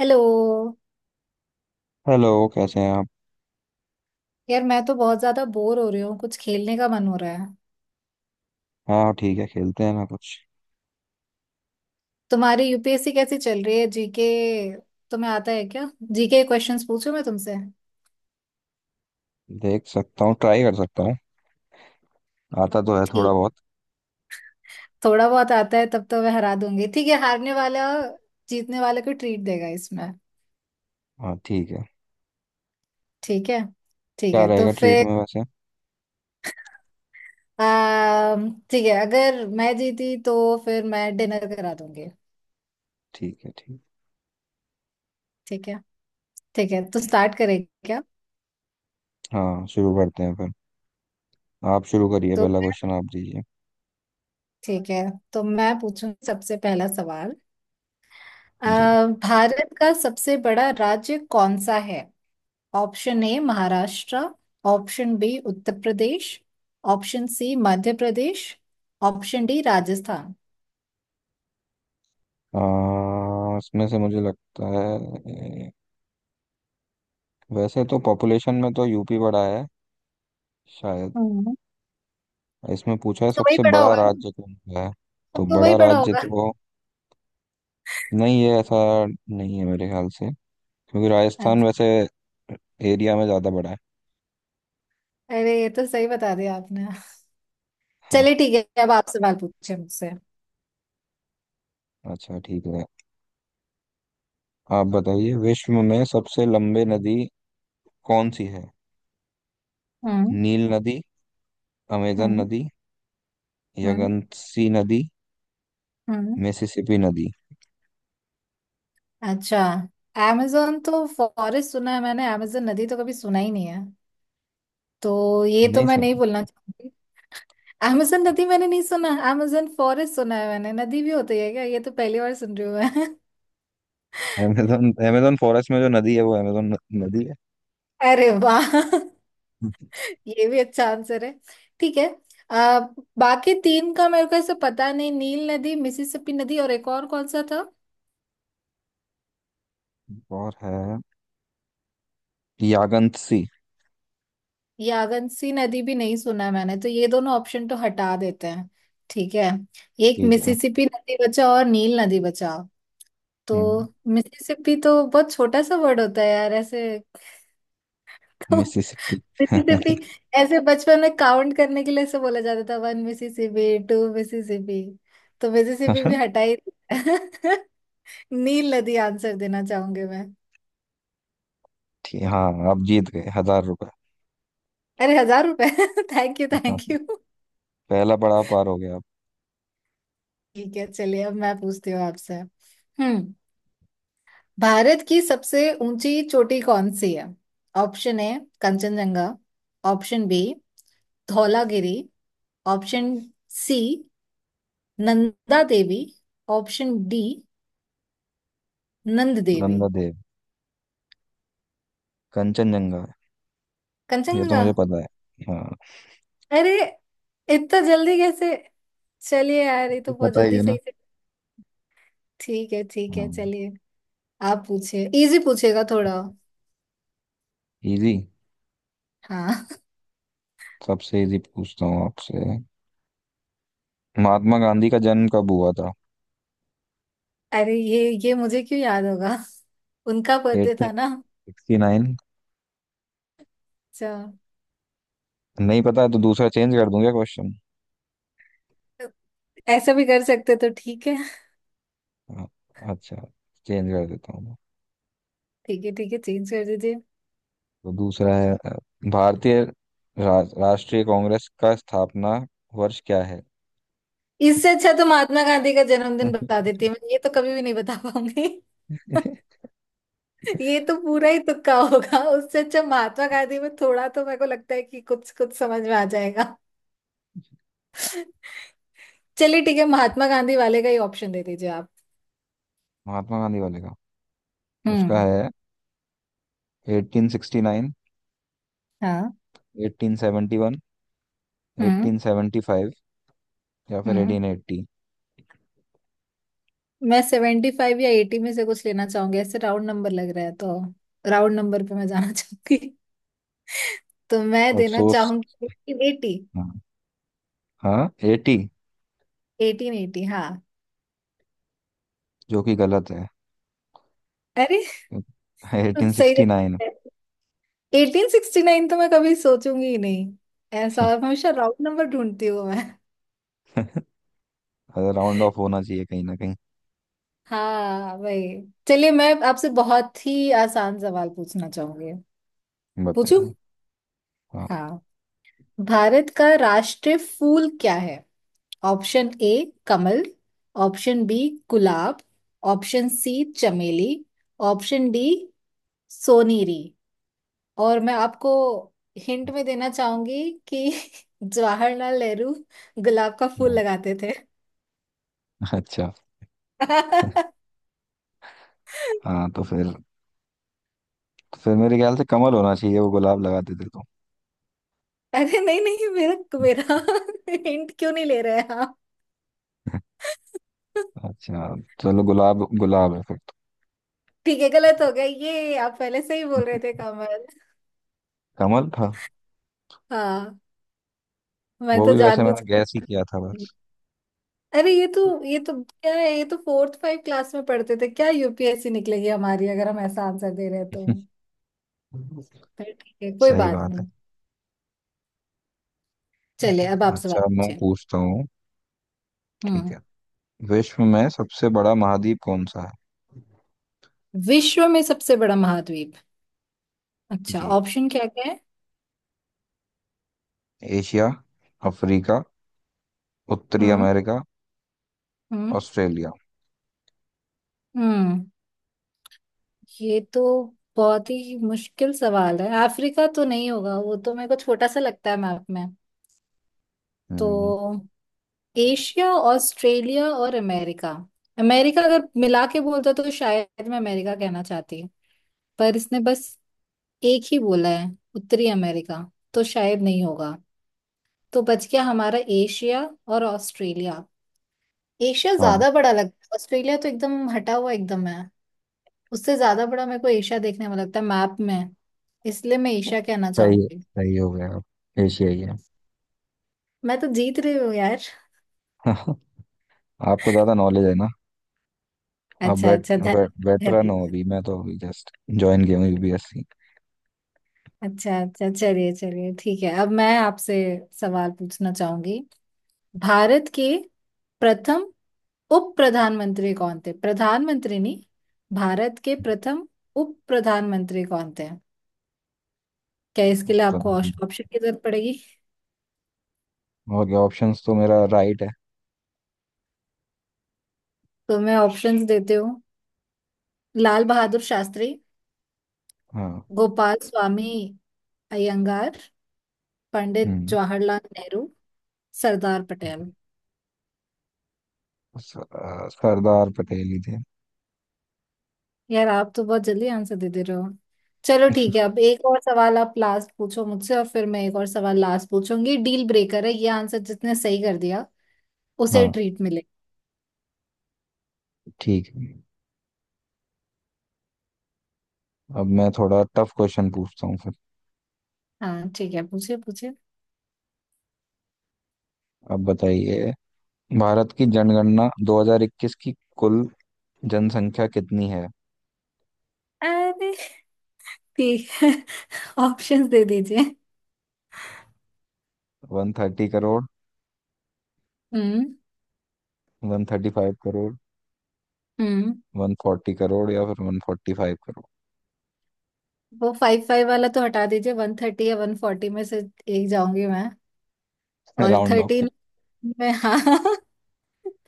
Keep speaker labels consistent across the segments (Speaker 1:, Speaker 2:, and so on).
Speaker 1: Hello.
Speaker 2: Hello कैसे हैं आप।
Speaker 1: यार मैं तो बहुत ज्यादा बोर हो रही हूँ, कुछ खेलने का मन हो रहा है।
Speaker 2: हाँ ठीक है, खेलते हैं ना कुछ।
Speaker 1: तुम्हारी यूपीएससी कैसी चल रही है? जीके तुम्हें आता है क्या? जीके क्वेश्चंस पूछूं मैं तुमसे?
Speaker 2: देख सकता हूँ, ट्राई कर सकता हूँ। आता तो है थोड़ा
Speaker 1: ठीक।
Speaker 2: बहुत।
Speaker 1: थोड़ा बहुत आता है तब तो मैं हरा दूंगी। ठीक है, हारने वाला जीतने वाले को ट्रीट देगा इसमें।
Speaker 2: हाँ ठीक है।
Speaker 1: ठीक है। ठीक
Speaker 2: क्या
Speaker 1: है तो
Speaker 2: रहेगा ट्रीट
Speaker 1: फिर
Speaker 2: में वैसे?
Speaker 1: ठीक है, अगर मैं जीती तो फिर मैं डिनर करा दूंगी।
Speaker 2: ठीक है ठीक।
Speaker 1: ठीक है। ठीक है तो स्टार्ट करें क्या?
Speaker 2: हाँ शुरू करते हैं फिर। आप शुरू करिए,
Speaker 1: तो
Speaker 2: पहला क्वेश्चन आप दीजिए।
Speaker 1: ठीक है। तो मैं पूछूं सबसे पहला सवाल। अ,
Speaker 2: जी।
Speaker 1: भारत का सबसे बड़ा राज्य कौन सा है? Option A Maharashtra, option B Uttar Pradesh, option C Madhya Pradesh, option D Rajasthan.
Speaker 2: इसमें से मुझे लगता है, वैसे तो पॉपुलेशन में तो यूपी बड़ा है शायद।
Speaker 1: हम्म,
Speaker 2: इसमें पूछा है
Speaker 1: तो वही
Speaker 2: सबसे
Speaker 1: बड़ा
Speaker 2: बड़ा
Speaker 1: होगा ना?
Speaker 2: राज्य कौन सा है। तो
Speaker 1: तो वही
Speaker 2: बड़ा
Speaker 1: बड़ा
Speaker 2: राज्य
Speaker 1: होगा।
Speaker 2: तो नहीं है ऐसा, नहीं है मेरे ख्याल से, क्योंकि राजस्थान
Speaker 1: अच्छा।
Speaker 2: वैसे एरिया में ज़्यादा बड़ा है।
Speaker 1: अरे ये तो सही बता दिया आपने। चलिए
Speaker 2: हाँ।
Speaker 1: ठीक है, अब आप सवाल पूछे मुझसे।
Speaker 2: अच्छा ठीक है। आप बताइए, विश्व में सबसे लंबे नदी कौन सी है?
Speaker 1: हम्म।
Speaker 2: नील नदी, अमेजन
Speaker 1: हम्म।
Speaker 2: नदी,
Speaker 1: हम्म।
Speaker 2: यंगत्सी नदी,
Speaker 1: हम्म।
Speaker 2: मिसिसिपी नदी।
Speaker 1: अच्छा, amazon तो फॉरेस्ट सुना है मैंने, amazon नदी तो कभी सुना ही नहीं है, तो ये तो
Speaker 2: नहीं
Speaker 1: मैं
Speaker 2: सुन।
Speaker 1: नहीं बोलना चाहूंगी। amazon नदी मैंने नहीं सुना, amazon फॉरेस्ट सुना है मैंने, नदी भी होती है क्या? ये तो पहली बार सुन रही हूँ मैं।
Speaker 2: अमेजन, अमेजन फॉरेस्ट में जो नदी है वो अमेजन नदी है।
Speaker 1: अरे वाह, ये भी अच्छा आंसर है। ठीक है। आ, बाकी तीन का मेरे को ऐसे पता नहीं, नील नदी, मिसिसिपी नदी, और एक और कौन सा था?
Speaker 2: और है, यागंतसी।
Speaker 1: यागंसी नदी भी नहीं सुना है मैंने, तो ये दोनों ऑप्शन तो हटा देते हैं। ठीक है, एक
Speaker 2: ठीक है।
Speaker 1: मिसिसिपी नदी बचा और नील नदी बचा। तो
Speaker 2: हम्म,
Speaker 1: मिसिसिपी तो बहुत छोटा सा वर्ड होता है यार ऐसे।
Speaker 2: मिसिसिपी।
Speaker 1: मिसिसिपी, ऐसे बचपन में काउंट करने के लिए ऐसे बोला जाता था, वन मिसिसिपी, टू मिसिसिपी। तो मिसिसिपी भी हटा ही दिया। नील नदी आंसर देना चाहूंगी मैं।
Speaker 2: ठीक। हाँ आप जीत गए हजार रुपए।
Speaker 1: अरे 1,000 रुपए थैंक यू
Speaker 2: हाँ,
Speaker 1: थैंक यू।
Speaker 2: पहला पड़ाव पार हो गया आप।
Speaker 1: ठीक है चलिए, अब मैं पूछती हूँ आपसे। हम्म। भारत की सबसे ऊंची चोटी कौन सी है? Option A Kanchenjunga, option B Dhaulagiri, option C Nanda Devi, option D Nand Devi.
Speaker 2: Nanda Dev, Kanchenjunga. ये तो
Speaker 1: कंचनजंगा?
Speaker 2: मुझे पता है। हाँ,
Speaker 1: अरे इतना जल्दी कैसे? चलिए यार,
Speaker 2: ये
Speaker 1: ये
Speaker 2: तो
Speaker 1: तो बहुत
Speaker 2: पता ही
Speaker 1: जल्दी
Speaker 2: है ना।
Speaker 1: सही से। ठीक है
Speaker 2: हाँ।
Speaker 1: चलिए। आप पूछिए, इजी पूछिएगा थोड़ा।
Speaker 2: इजी।
Speaker 1: हाँ।
Speaker 2: सबसे इजी पूछता हूँ आपसे। महात्मा गांधी का जन्म कब हुआ था?
Speaker 1: अरे ये मुझे क्यों याद होगा? उनका बर्थडे था ना?
Speaker 2: 1869।
Speaker 1: अच्छा।
Speaker 2: नहीं पता है तो दूसरा चेंज कर दूंगा क्वेश्चन।
Speaker 1: ऐसा भी कर सकते तो ठीक है।
Speaker 2: अच्छा, चेंज कर देता हूँ।
Speaker 1: ठीक है ठीक है चेंज कर दीजिए।
Speaker 2: तो दूसरा है, भारतीय राष्ट्रीय कांग्रेस का स्थापना वर्ष क्या है?
Speaker 1: इससे अच्छा तो महात्मा गांधी का जन्मदिन बता देती मैं, ये तो कभी भी नहीं बता पाऊंगी। ये तो पूरा ही तुक्का होगा, उससे अच्छा महात्मा गांधी में थोड़ा तो मेरे को लगता है कि कुछ कुछ समझ में आ जाएगा। चलिए ठीक है, महात्मा गांधी वाले का ही ऑप्शन दे दीजिए आप।
Speaker 2: महात्मा गांधी वाले का। उसका
Speaker 1: हम्म।
Speaker 2: है, 1869,
Speaker 1: हाँ।
Speaker 2: 1871,
Speaker 1: हम्म।
Speaker 2: 1875, या फिर
Speaker 1: हम्म।
Speaker 2: 1880।
Speaker 1: मैं 75 या 80 में से कुछ लेना चाहूंगी, ऐसे राउंड नंबर लग रहा है तो। राउंड नंबर पे मैं जाना चाहूंगी। तो मैं देना
Speaker 2: अफसोस।
Speaker 1: चाहूंगी 18।
Speaker 2: हाँ। हाँ 80।
Speaker 1: एटीन एटी हाँ।
Speaker 2: जो कि गलत है।
Speaker 1: अरे
Speaker 2: एटीन
Speaker 1: सही
Speaker 2: सिक्सटी
Speaker 1: जवाब
Speaker 2: नाइन।
Speaker 1: है। 1869 तो मैं कभी सोचूंगी ही नहीं, ऐसा हमेशा राउंड नंबर ढूंढती हूँ मैं।
Speaker 2: राउंड ऑफ होना चाहिए कहीं ना कहीं।
Speaker 1: हाँ भाई। चलिए मैं आपसे बहुत ही आसान सवाल पूछना चाहूंगी। पूछू?
Speaker 2: बताइए। हाँ।
Speaker 1: हाँ। भारत का राष्ट्रीय फूल क्या है? ऑप्शन ए कमल, ऑप्शन बी गुलाब, ऑप्शन सी चमेली, ऑप्शन डी सोनेरी। और मैं आपको हिंट में देना चाहूंगी कि जवाहरलाल नेहरू गुलाब का फूल
Speaker 2: हाँ,
Speaker 1: लगाते थे।
Speaker 2: अच्छा। हाँ तो फिर, तो फिर मेरे ख्याल से कमल होना चाहिए, वो गुलाब लगा देते तो।
Speaker 1: अरे नहीं नहीं, मेरा मेरा हिंट क्यों नहीं ले रहे आप?
Speaker 2: अच्छा, चलो गुलाब गुलाब है फिर तो।
Speaker 1: ठीक है, गलत हो गया। ये आप पहले से ही बोल रहे थे कमल।
Speaker 2: कमल था।
Speaker 1: हाँ। मैं
Speaker 2: वो
Speaker 1: तो
Speaker 2: भी वैसे
Speaker 1: जानबूझ।
Speaker 2: मैंने गैस ही किया था बस।
Speaker 1: अरे ये तो क्या है, ये तो 4-5 क्लास में पढ़ते थे। क्या यूपीएससी निकलेगी हमारी अगर हम ऐसा आंसर दे रहे हैं तो? पर ठीक है कोई
Speaker 2: सही
Speaker 1: बात
Speaker 2: बात है।
Speaker 1: नहीं। चलिए अब आप सवाल
Speaker 2: अच्छा मैं
Speaker 1: पूछिए।
Speaker 2: पूछता हूँ। ठीक
Speaker 1: हम्म।
Speaker 2: है। विश्व में सबसे बड़ा महाद्वीप कौन सा है?
Speaker 1: विश्व में सबसे बड़ा महाद्वीप। अच्छा,
Speaker 2: जी,
Speaker 1: ऑप्शन क्या क्या है?
Speaker 2: एशिया, अफ्रीका, उत्तरी
Speaker 1: हम्म।
Speaker 2: अमेरिका,
Speaker 1: हम्म।
Speaker 2: ऑस्ट्रेलिया।
Speaker 1: हम्म। ये तो बहुत ही मुश्किल सवाल है। अफ्रीका तो नहीं होगा, वो तो मेरे को छोटा सा लगता है मैप में। तो
Speaker 2: हम्म।
Speaker 1: एशिया, ऑस्ट्रेलिया और अमेरिका। अमेरिका अगर मिला के बोलता तो शायद मैं अमेरिका कहना चाहती, पर इसने बस एक ही बोला है, उत्तरी अमेरिका, तो शायद नहीं होगा। तो बच गया हमारा एशिया और ऑस्ट्रेलिया। एशिया
Speaker 2: हाँ
Speaker 1: ज्यादा बड़ा लगता है, ऑस्ट्रेलिया तो एकदम हटा हुआ एकदम है। उससे ज्यादा बड़ा मेरे को एशिया देखने में लगता है मैप में, इसलिए मैं एशिया कहना
Speaker 2: सही है,
Speaker 1: चाहूंगी।
Speaker 2: सही हो गया आप। एशियाई है।
Speaker 1: मैं तो जीत रही हूँ यार।
Speaker 2: आपको ज्यादा नॉलेज है ना। आप
Speaker 1: अच्छा अच्छा, धन
Speaker 2: वेटरन हो,
Speaker 1: धन्यवाद
Speaker 2: अभी मैं तो अभी जस्ट ज्वाइन किया हूँ यूपीएससी।
Speaker 1: अच्छा अच्छा चलिए चलिए ठीक है, अब मैं आपसे सवाल पूछना चाहूंगी। भारत के प्रथम उप प्रधानमंत्री कौन थे? प्रधानमंत्री नहीं, भारत के प्रथम उप प्रधानमंत्री कौन थे? क्या इसके लिए आपको ऑप्शन की जरूरत पड़ेगी?
Speaker 2: और क्या ऑप्शंस तो मेरा राइट है।
Speaker 1: तो मैं ऑप्शंस देती हूँ। लाल बहादुर शास्त्री,
Speaker 2: हाँ।
Speaker 1: गोपाल स्वामी अयंगार, पंडित
Speaker 2: हम्म।
Speaker 1: जवाहरलाल नेहरू, सरदार पटेल।
Speaker 2: सरदार पटेल ही थे।
Speaker 1: यार आप तो बहुत जल्दी आंसर दे दे रहे हो। चलो ठीक है, अब एक और सवाल आप लास्ट पूछो मुझसे और फिर मैं एक और सवाल लास्ट पूछूंगी। डील ब्रेकर है ये, आंसर जिसने सही कर दिया उसे
Speaker 2: हाँ
Speaker 1: ट्रीट मिले।
Speaker 2: ठीक है। अब मैं थोड़ा टफ क्वेश्चन पूछता हूँ फिर।
Speaker 1: हाँ ठीक है, पूछिए पूछिए।
Speaker 2: अब बताइए, भारत की जनगणना 2021 की कुल जनसंख्या कितनी है?
Speaker 1: अरे ठीक है। ऑप्शंस दे दीजिए।
Speaker 2: 130 करोड़,
Speaker 1: हम्म।
Speaker 2: 135 करोड़,
Speaker 1: हम्म।
Speaker 2: वन फोर्टी करोड़, या फिर वन फोर्टी फाइव करोड़।
Speaker 1: वो फाइव फाइव वाला तो हटा दीजिए, 130 या 140 में से एक जाऊंगी मैं। और
Speaker 2: राउंड ऑफ कर।
Speaker 1: 13 में हाँ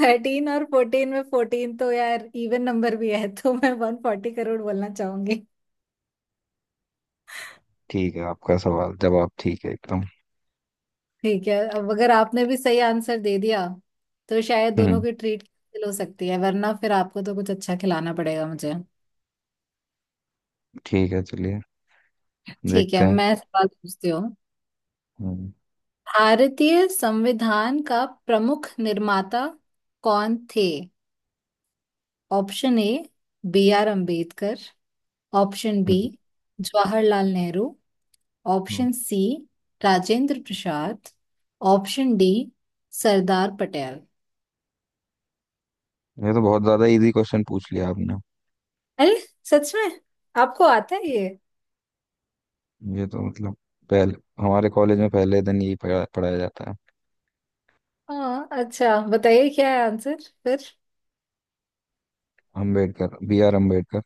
Speaker 1: 13 और 14 में 14 तो यार इवन नंबर भी है, तो मैं 140 करोड़ बोलना चाहूंगी।
Speaker 2: ठीक है आपका सवाल जवाब ठीक है एकदम।
Speaker 1: ठीक है, अब अगर आपने भी सही आंसर दे दिया तो शायद दोनों
Speaker 2: हम्म।
Speaker 1: की ट्रीट कैंसिल हो सकती है, वरना फिर आपको तो कुछ अच्छा खिलाना पड़ेगा मुझे।
Speaker 2: ठीक है चलिए।
Speaker 1: ठीक है,
Speaker 2: देखते हैं।
Speaker 1: मैं सवाल पूछती।
Speaker 2: हम्म।
Speaker 1: भारतीय संविधान का प्रमुख निर्माता कौन थे? Option A B R Ambedkar, option B
Speaker 2: हम्म।
Speaker 1: जवाहरलाल नेहरू,
Speaker 2: हम्म।
Speaker 1: Option C Rajendra Prasad, option D Sardar Patel.
Speaker 2: ये तो बहुत ज्यादा इजी क्वेश्चन पूछ लिया आपने।
Speaker 1: अरे सच में आपको आता है ये?
Speaker 2: ये तो मतलब पहले, हमारे कॉलेज में पहले दिन यही पढ़ाया जाता है।
Speaker 1: हाँ अच्छा बताइए, क्या है आंसर फिर?
Speaker 2: Ambedkar, B are Ambedkar.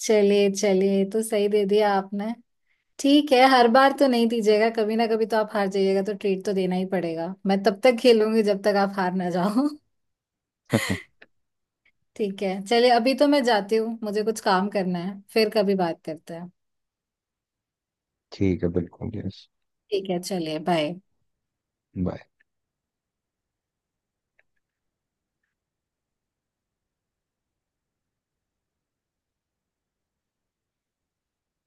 Speaker 1: चलिए चलिए, तो सही दे दिया आपने। ठीक है, हर बार तो नहीं दीजिएगा, कभी ना कभी तो आप हार जाइएगा, तो ट्रीट तो देना ही पड़ेगा। मैं तब तक खेलूंगी जब तक आप हार ना जाओ। ठीक है चलिए, अभी तो मैं जाती हूँ, मुझे कुछ काम करना है, फिर कभी बात करते हैं।
Speaker 2: ठीक है, बिल्कुल यस।
Speaker 1: ठीक है चलिए बाय।
Speaker 2: बाय।